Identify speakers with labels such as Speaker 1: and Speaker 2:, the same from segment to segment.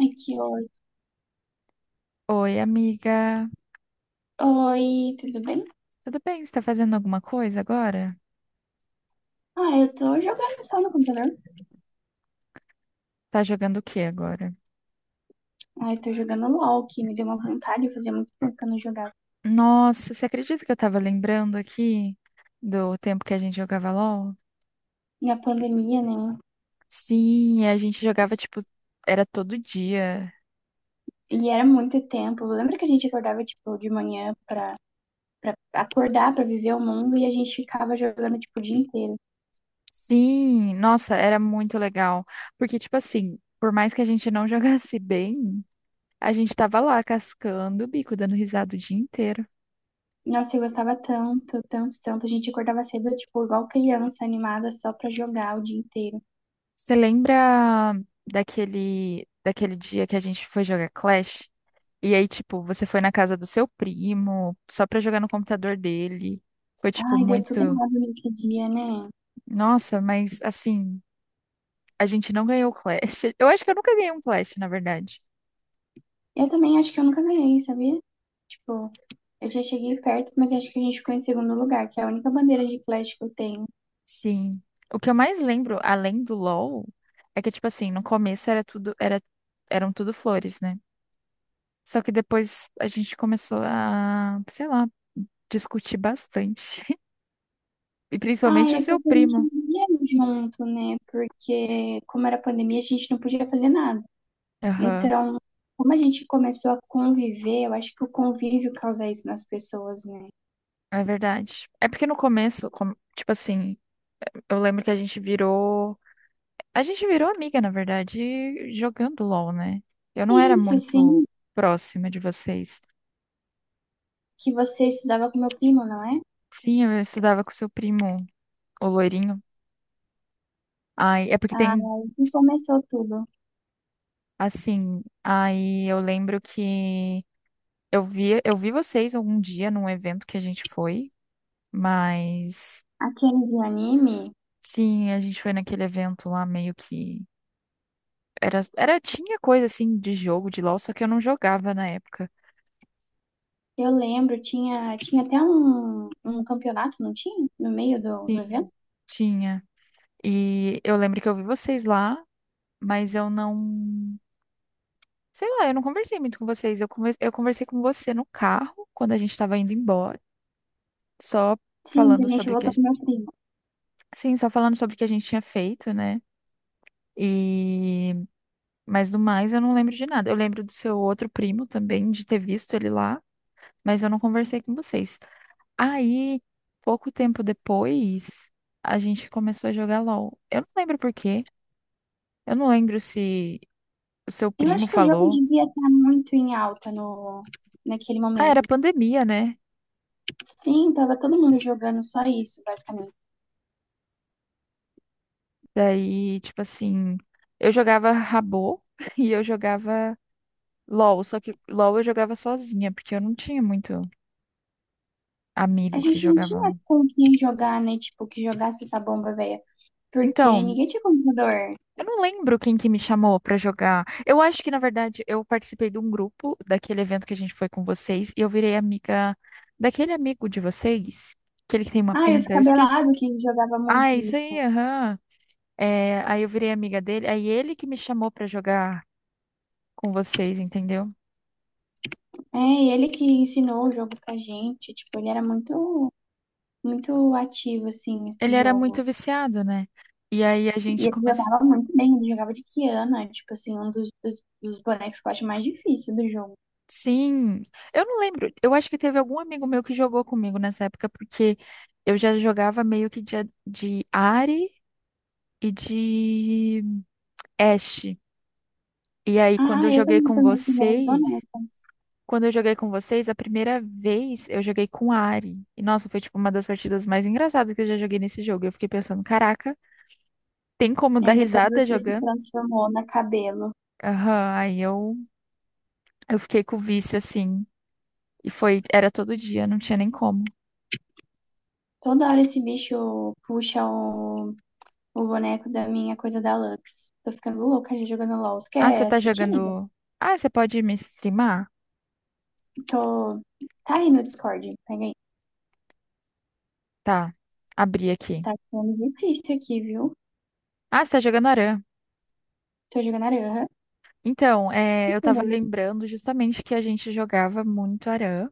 Speaker 1: Ai, que ódio.
Speaker 2: Oi, amiga.
Speaker 1: Oi, tudo bem?
Speaker 2: Tudo bem? Você tá fazendo alguma coisa agora?
Speaker 1: Ah, eu tô jogando só no computador.
Speaker 2: Tá jogando o que agora?
Speaker 1: Ai, tô jogando LOL, que me deu uma vontade, fazia muito tempo que eu não jogava.
Speaker 2: Nossa, você acredita que eu tava lembrando aqui do tempo que a gente jogava LOL?
Speaker 1: Na pandemia, né?
Speaker 2: Sim, a gente jogava tipo, era todo dia.
Speaker 1: E era muito tempo. Lembra que a gente acordava, tipo, de manhã pra acordar, pra viver o mundo, e a gente ficava jogando, tipo, o dia inteiro.
Speaker 2: Sim, nossa, era muito legal. Porque, tipo assim, por mais que a gente não jogasse bem, a gente tava lá cascando o bico, dando risada o dia inteiro.
Speaker 1: Nossa, eu gostava tanto, tanto, tanto. A gente acordava cedo, tipo, igual criança animada, só pra jogar o dia inteiro.
Speaker 2: Você lembra daquele dia que a gente foi jogar Clash? E aí, tipo, você foi na casa do seu primo só pra jogar no computador dele. Foi, tipo,
Speaker 1: Ai, deu
Speaker 2: muito.
Speaker 1: tudo errado nesse dia, né?
Speaker 2: Nossa, mas assim, a gente não ganhou o Clash. Eu acho que eu nunca ganhei um Clash, na verdade.
Speaker 1: Eu também acho que eu nunca ganhei, sabia? Tipo, eu já cheguei perto, mas acho que a gente ficou em segundo lugar, que é a única bandeira de flash que eu tenho.
Speaker 2: Sim. O que eu mais lembro, além do LoL, é que, tipo assim, no começo eram tudo flores, né? Só que depois a gente começou a, sei lá, discutir bastante. E
Speaker 1: Ah,
Speaker 2: principalmente o
Speaker 1: é
Speaker 2: seu
Speaker 1: porque a
Speaker 2: primo.
Speaker 1: gente não ia junto, né? Porque, como era pandemia, a gente não podia fazer nada.
Speaker 2: Aham,
Speaker 1: Então, como a gente começou a conviver, eu acho que o convívio causa isso nas pessoas, né?
Speaker 2: é verdade. É porque no começo, tipo assim, eu lembro que a gente virou amiga, na verdade, jogando LOL, né? Eu não
Speaker 1: E
Speaker 2: era
Speaker 1: isso,
Speaker 2: muito
Speaker 1: assim,
Speaker 2: próxima de vocês.
Speaker 1: que você estudava com meu primo, não é?
Speaker 2: Sim, eu estudava com seu primo, o loirinho. Ai, é porque tem,
Speaker 1: Ah, e começou tudo.
Speaker 2: assim, aí eu lembro que eu vi vocês algum dia num evento que a gente foi, mas
Speaker 1: Aquele de anime.
Speaker 2: sim, a gente foi naquele evento lá meio que era, era tinha coisa assim de jogo de LoL, só que eu não jogava na época.
Speaker 1: Eu lembro, tinha até um campeonato, não tinha? No meio do
Speaker 2: Sim,
Speaker 1: evento?
Speaker 2: tinha. E eu lembro que eu vi vocês lá, mas eu não. Sei lá, eu não conversei muito com vocês. Eu conversei com você no carro, quando a gente tava indo embora, só
Speaker 1: Sim, que
Speaker 2: falando
Speaker 1: a gente
Speaker 2: sobre o
Speaker 1: voltou
Speaker 2: que.
Speaker 1: com meu primo.
Speaker 2: Sim, só falando sobre o que a gente tinha feito, né? E. Mas do mais, eu não lembro de nada. Eu lembro do seu outro primo também, de ter visto ele lá, mas eu não conversei com vocês. Aí, pouco tempo depois, a gente começou a jogar LOL. Eu não lembro por quê. Eu não lembro se o seu
Speaker 1: Eu
Speaker 2: primo
Speaker 1: acho que o jogo
Speaker 2: falou.
Speaker 1: devia estar muito em alta no, naquele
Speaker 2: Ah, era
Speaker 1: momento.
Speaker 2: pandemia, né?
Speaker 1: Sim, tava todo mundo jogando só isso, basicamente.
Speaker 2: Daí, tipo assim, eu jogava Rabô e eu jogava LOL, só que LOL eu jogava sozinha, porque eu não tinha muito
Speaker 1: A
Speaker 2: amigo que
Speaker 1: gente não tinha
Speaker 2: jogava.
Speaker 1: com quem jogar, né? Tipo, que jogasse essa bomba, velha. Porque
Speaker 2: Então,
Speaker 1: ninguém tinha computador.
Speaker 2: eu não lembro quem que me chamou pra jogar. Eu acho que, na verdade, eu participei de um grupo daquele evento que a gente foi com vocês e eu virei amiga daquele amigo de vocês, aquele que tem uma
Speaker 1: Ah, e o
Speaker 2: pinta, eu esqueci.
Speaker 1: descabelado que jogava
Speaker 2: Ah,
Speaker 1: muito
Speaker 2: é isso
Speaker 1: isso.
Speaker 2: aí, aham. É, aí eu virei amiga dele, aí ele que me chamou pra jogar com vocês, entendeu?
Speaker 1: É, e ele que ensinou o jogo pra gente. Tipo, ele era muito, muito ativo, assim,
Speaker 2: Ele
Speaker 1: nesse
Speaker 2: era
Speaker 1: jogo.
Speaker 2: muito viciado, né? E aí a
Speaker 1: E
Speaker 2: gente
Speaker 1: ele jogava
Speaker 2: começou.
Speaker 1: muito bem, ele jogava de Kiana, tipo assim, um dos bonecos que eu acho mais difícil do jogo.
Speaker 2: Sim, eu não lembro. Eu acho que teve algum amigo meu que jogou comigo nessa época, porque eu já jogava meio que de, Ahri e de Ashe. E aí,
Speaker 1: Ah, eu também fui minhas primeiras bonecas.
Speaker 2: quando eu joguei com vocês, a primeira vez eu joguei com Ahri. E nossa, foi tipo uma das partidas mais engraçadas que eu já joguei nesse jogo. Eu fiquei pensando, caraca, tem como
Speaker 1: E
Speaker 2: dar
Speaker 1: aí depois
Speaker 2: risada
Speaker 1: você se
Speaker 2: jogando?
Speaker 1: transformou na cabelo.
Speaker 2: Aham, aí eu fiquei com o vício assim. E foi, era todo dia, não tinha nem como.
Speaker 1: Toda hora esse bicho puxa o boneco da minha coisa da Lux. Tô ficando louca já jogando LOL. Você
Speaker 2: Ah, você
Speaker 1: quer
Speaker 2: tá
Speaker 1: assistir, amiga?
Speaker 2: jogando. Ah, você pode me streamar?
Speaker 1: Tô. Tá aí no Discord, pega aí.
Speaker 2: Tá, abri aqui.
Speaker 1: Tá ficando difícil aqui, viu?
Speaker 2: Ah, você tá jogando Aran.
Speaker 1: Tô jogando Aranha.
Speaker 2: Então, é, eu tava lembrando justamente que a gente jogava muito Aran.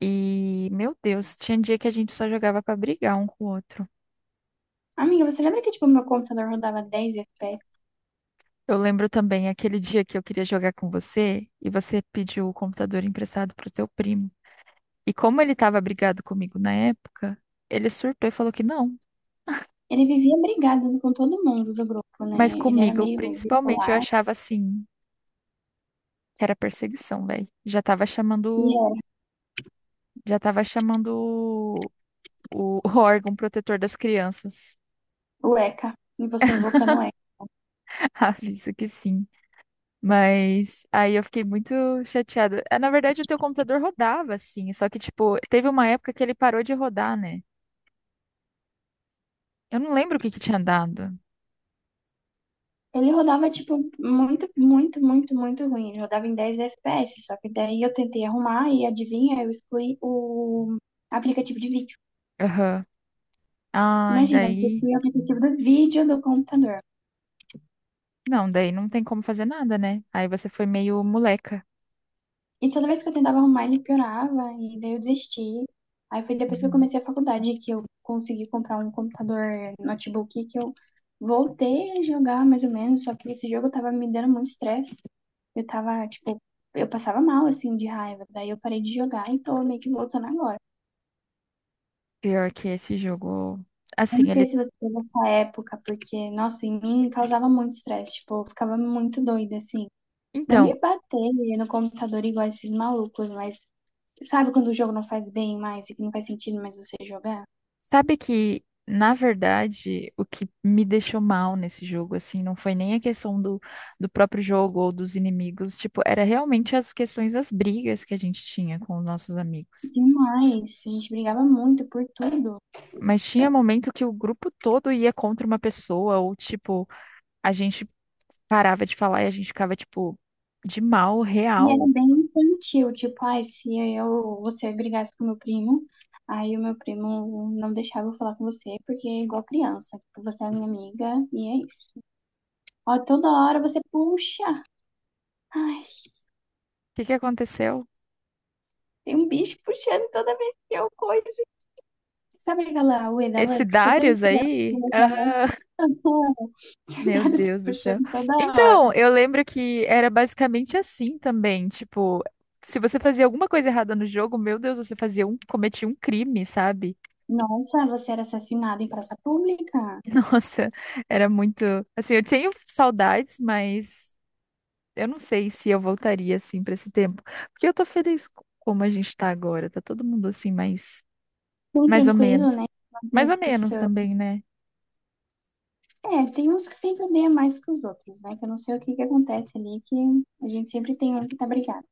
Speaker 2: E, meu Deus, tinha dia que a gente só jogava pra brigar um com o outro.
Speaker 1: Amiga, você lembra que tipo, meu computador rodava 10 FPS?
Speaker 2: Eu lembro também aquele dia que eu queria jogar com você e você pediu o computador emprestado pro teu primo. E como ele tava brigado comigo na época, ele surtou e falou que não.
Speaker 1: Ele vivia brigado com todo mundo do grupo, né?
Speaker 2: Mas
Speaker 1: Ele era
Speaker 2: comigo,
Speaker 1: meio
Speaker 2: principalmente, eu
Speaker 1: bipolar
Speaker 2: achava assim. Era perseguição, velho. Já tava
Speaker 1: e
Speaker 2: chamando,
Speaker 1: era
Speaker 2: já tava chamando o órgão protetor das crianças.
Speaker 1: o ECA, e você invocando o ECA.
Speaker 2: Avisa que sim. Mas aí eu fiquei muito chateada. Ah, na verdade, o teu computador rodava, assim. Só que, tipo, teve uma época que ele parou de rodar, né? Eu não lembro o que que tinha dado.
Speaker 1: Ele rodava, tipo, muito, muito, muito, muito ruim. Ele rodava em 10 FPS, só que daí eu tentei arrumar e adivinha, eu excluí o aplicativo de vídeo.
Speaker 2: Aham. Ah, e
Speaker 1: Imagina, você
Speaker 2: daí.
Speaker 1: excluir o aplicativo do vídeo do computador.
Speaker 2: Não, daí não tem como fazer nada, né? Aí você foi meio moleca.
Speaker 1: E toda vez que eu tentava arrumar, ele piorava, e daí eu desisti. Aí foi depois que eu
Speaker 2: Uhum.
Speaker 1: comecei a faculdade que eu consegui comprar um computador notebook que eu voltei a jogar mais ou menos, só que esse jogo tava me dando muito estresse. Eu tava, tipo, eu passava mal assim de raiva. Daí eu parei de jogar e tô meio que voltando agora.
Speaker 2: Pior que esse jogo.
Speaker 1: Eu não
Speaker 2: Assim,
Speaker 1: sei
Speaker 2: ele.
Speaker 1: se você teve essa época, porque, nossa, em mim causava muito estresse, tipo, eu ficava muito doida assim. Não
Speaker 2: Então,
Speaker 1: de bater no computador igual esses malucos, mas sabe quando o jogo não faz bem mais e que não faz sentido mais você jogar?
Speaker 2: sabe que, na verdade, o que me deixou mal nesse jogo, assim, não foi nem a questão do próprio jogo ou dos inimigos, tipo, era realmente as questões das brigas que a gente tinha com os nossos amigos.
Speaker 1: Demais. A gente brigava muito por tudo.
Speaker 2: Mas tinha momento que o grupo todo ia contra uma pessoa, ou tipo, a gente parava de falar e a gente ficava, tipo, de mal,
Speaker 1: E era
Speaker 2: real. O
Speaker 1: bem infantil, tipo, ai, se você brigasse com meu primo, aí o meu primo não deixava eu falar com você, porque é igual criança, tipo, você é minha amiga e é isso. Ó, toda hora você puxa. Ai,
Speaker 2: que que aconteceu?
Speaker 1: tem um bicho puxando toda vez que eu coiso. Sabe aquela Ueda
Speaker 2: Esse
Speaker 1: Lux? Toda vez
Speaker 2: Darius
Speaker 1: que eu
Speaker 2: aí? Aham.
Speaker 1: coiso, ela Esse
Speaker 2: Meu
Speaker 1: cara tá
Speaker 2: Deus do céu.
Speaker 1: puxando toda hora.
Speaker 2: Então, eu lembro que era basicamente assim também, tipo, se você fazia alguma coisa errada no jogo, meu Deus, cometia um crime, sabe?
Speaker 1: Nossa, você era assassinado em praça pública?
Speaker 2: Nossa, era muito, assim, eu tenho saudades, mas eu não sei se eu voltaria assim pra esse tempo, porque eu tô feliz com como a gente tá agora, tá todo mundo assim mais
Speaker 1: Bem
Speaker 2: mais ou
Speaker 1: tranquilo,
Speaker 2: menos.
Speaker 1: né? Não tem
Speaker 2: Mais ou menos
Speaker 1: discussão.
Speaker 2: também, né?
Speaker 1: É, tem uns que sempre odeiam mais que os outros, né? Que eu não sei o que que acontece ali, que a gente sempre tem um que tá brigado.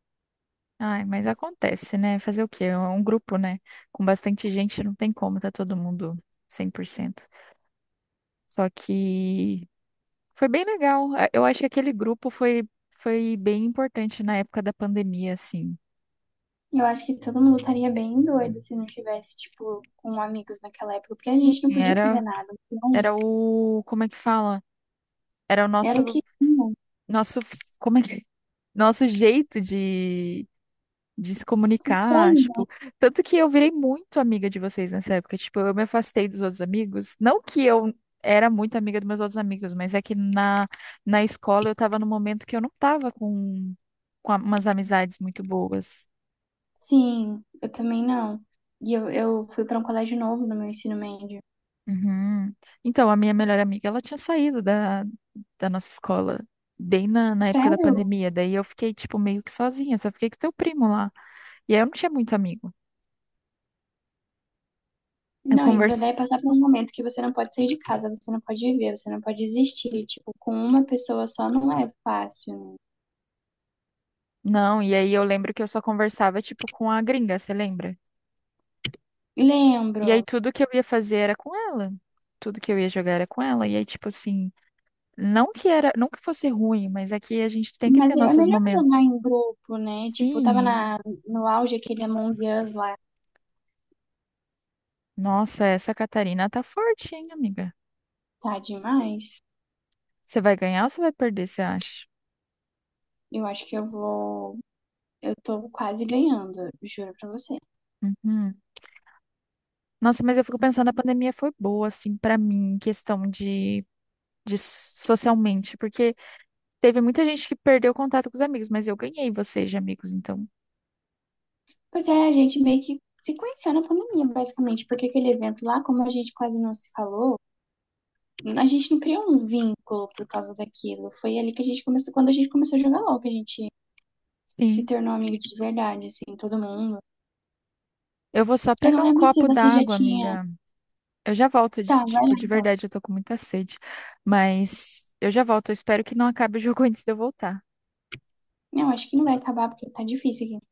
Speaker 2: Ai, mas acontece, né? Fazer o quê? É um grupo, né? Com bastante gente, não tem como, tá todo mundo 100%. Só que foi bem legal. Eu acho que aquele grupo foi bem importante na época da pandemia, assim.
Speaker 1: Eu acho que todo mundo estaria bem doido se não tivesse, tipo, com amigos naquela época, porque a
Speaker 2: Sim,
Speaker 1: gente não podia fazer
Speaker 2: era,
Speaker 1: nada. Então,
Speaker 2: era o, como é que fala? Era o
Speaker 1: era o que tinha.
Speaker 2: nosso, como é que, nosso jeito de se
Speaker 1: Se distrair,
Speaker 2: comunicar, tipo,
Speaker 1: né?
Speaker 2: tanto que eu virei muito amiga de vocês nessa época, tipo, eu me afastei dos outros amigos, não que eu era muito amiga dos meus outros amigos, mas é que na, escola eu tava num momento que eu não tava com umas amizades muito boas.
Speaker 1: Sim, eu também não. E eu fui pra um colégio novo no meu ensino médio.
Speaker 2: Uhum. Então, a minha melhor amiga, ela tinha saído da nossa escola. Bem na época da
Speaker 1: Sério?
Speaker 2: pandemia, daí eu fiquei, tipo, meio que sozinha, só fiquei com teu primo lá. E aí eu não tinha muito amigo. Eu
Speaker 1: Não, e daí passar por um momento que você não pode sair de casa, você não pode viver, você não pode existir. Tipo, com uma pessoa só não é fácil.
Speaker 2: Não, e aí eu lembro que eu só conversava, tipo, com a gringa, você lembra?
Speaker 1: Lembro.
Speaker 2: E aí tudo que eu ia fazer era com ela. Tudo que eu ia jogar era com ela. E aí, tipo assim, não que fosse ruim, mas aqui a gente tem que
Speaker 1: Mas
Speaker 2: ter
Speaker 1: é
Speaker 2: nossos
Speaker 1: melhor
Speaker 2: momentos.
Speaker 1: jogar em grupo, né? Tipo, eu
Speaker 2: Sim,
Speaker 1: tava
Speaker 2: e-
Speaker 1: no auge aquele Among Us lá.
Speaker 2: nossa, essa Catarina tá forte, hein, amiga?
Speaker 1: Tá demais.
Speaker 2: Você vai ganhar ou você vai perder, você acha?
Speaker 1: Eu acho que eu vou. Eu tô quase ganhando, juro pra você.
Speaker 2: Uhum. Nossa, mas eu fico pensando, a pandemia foi boa, assim, pra mim, em questão de, socialmente, porque teve muita gente que perdeu contato com os amigos, mas eu ganhei vocês de amigos, então.
Speaker 1: Pois é, a gente meio que se conheceu na pandemia, basicamente, porque aquele evento lá, como a gente quase não se falou. A gente não criou um vínculo por causa daquilo. Foi ali que a gente começou, quando a gente começou a jogar LOL, que a gente se
Speaker 2: Sim.
Speaker 1: tornou amigo de verdade, assim, todo mundo.
Speaker 2: Eu vou só
Speaker 1: Eu não
Speaker 2: pegar um
Speaker 1: lembro se
Speaker 2: copo
Speaker 1: você já
Speaker 2: d'água,
Speaker 1: tinha.
Speaker 2: amiga. Eu já volto,
Speaker 1: Tá, vai lá
Speaker 2: tipo, de
Speaker 1: então.
Speaker 2: verdade, eu tô com muita sede. Mas eu já volto. Eu espero que não acabe o jogo antes de eu voltar.
Speaker 1: Não, acho que não vai acabar, porque tá difícil aqui.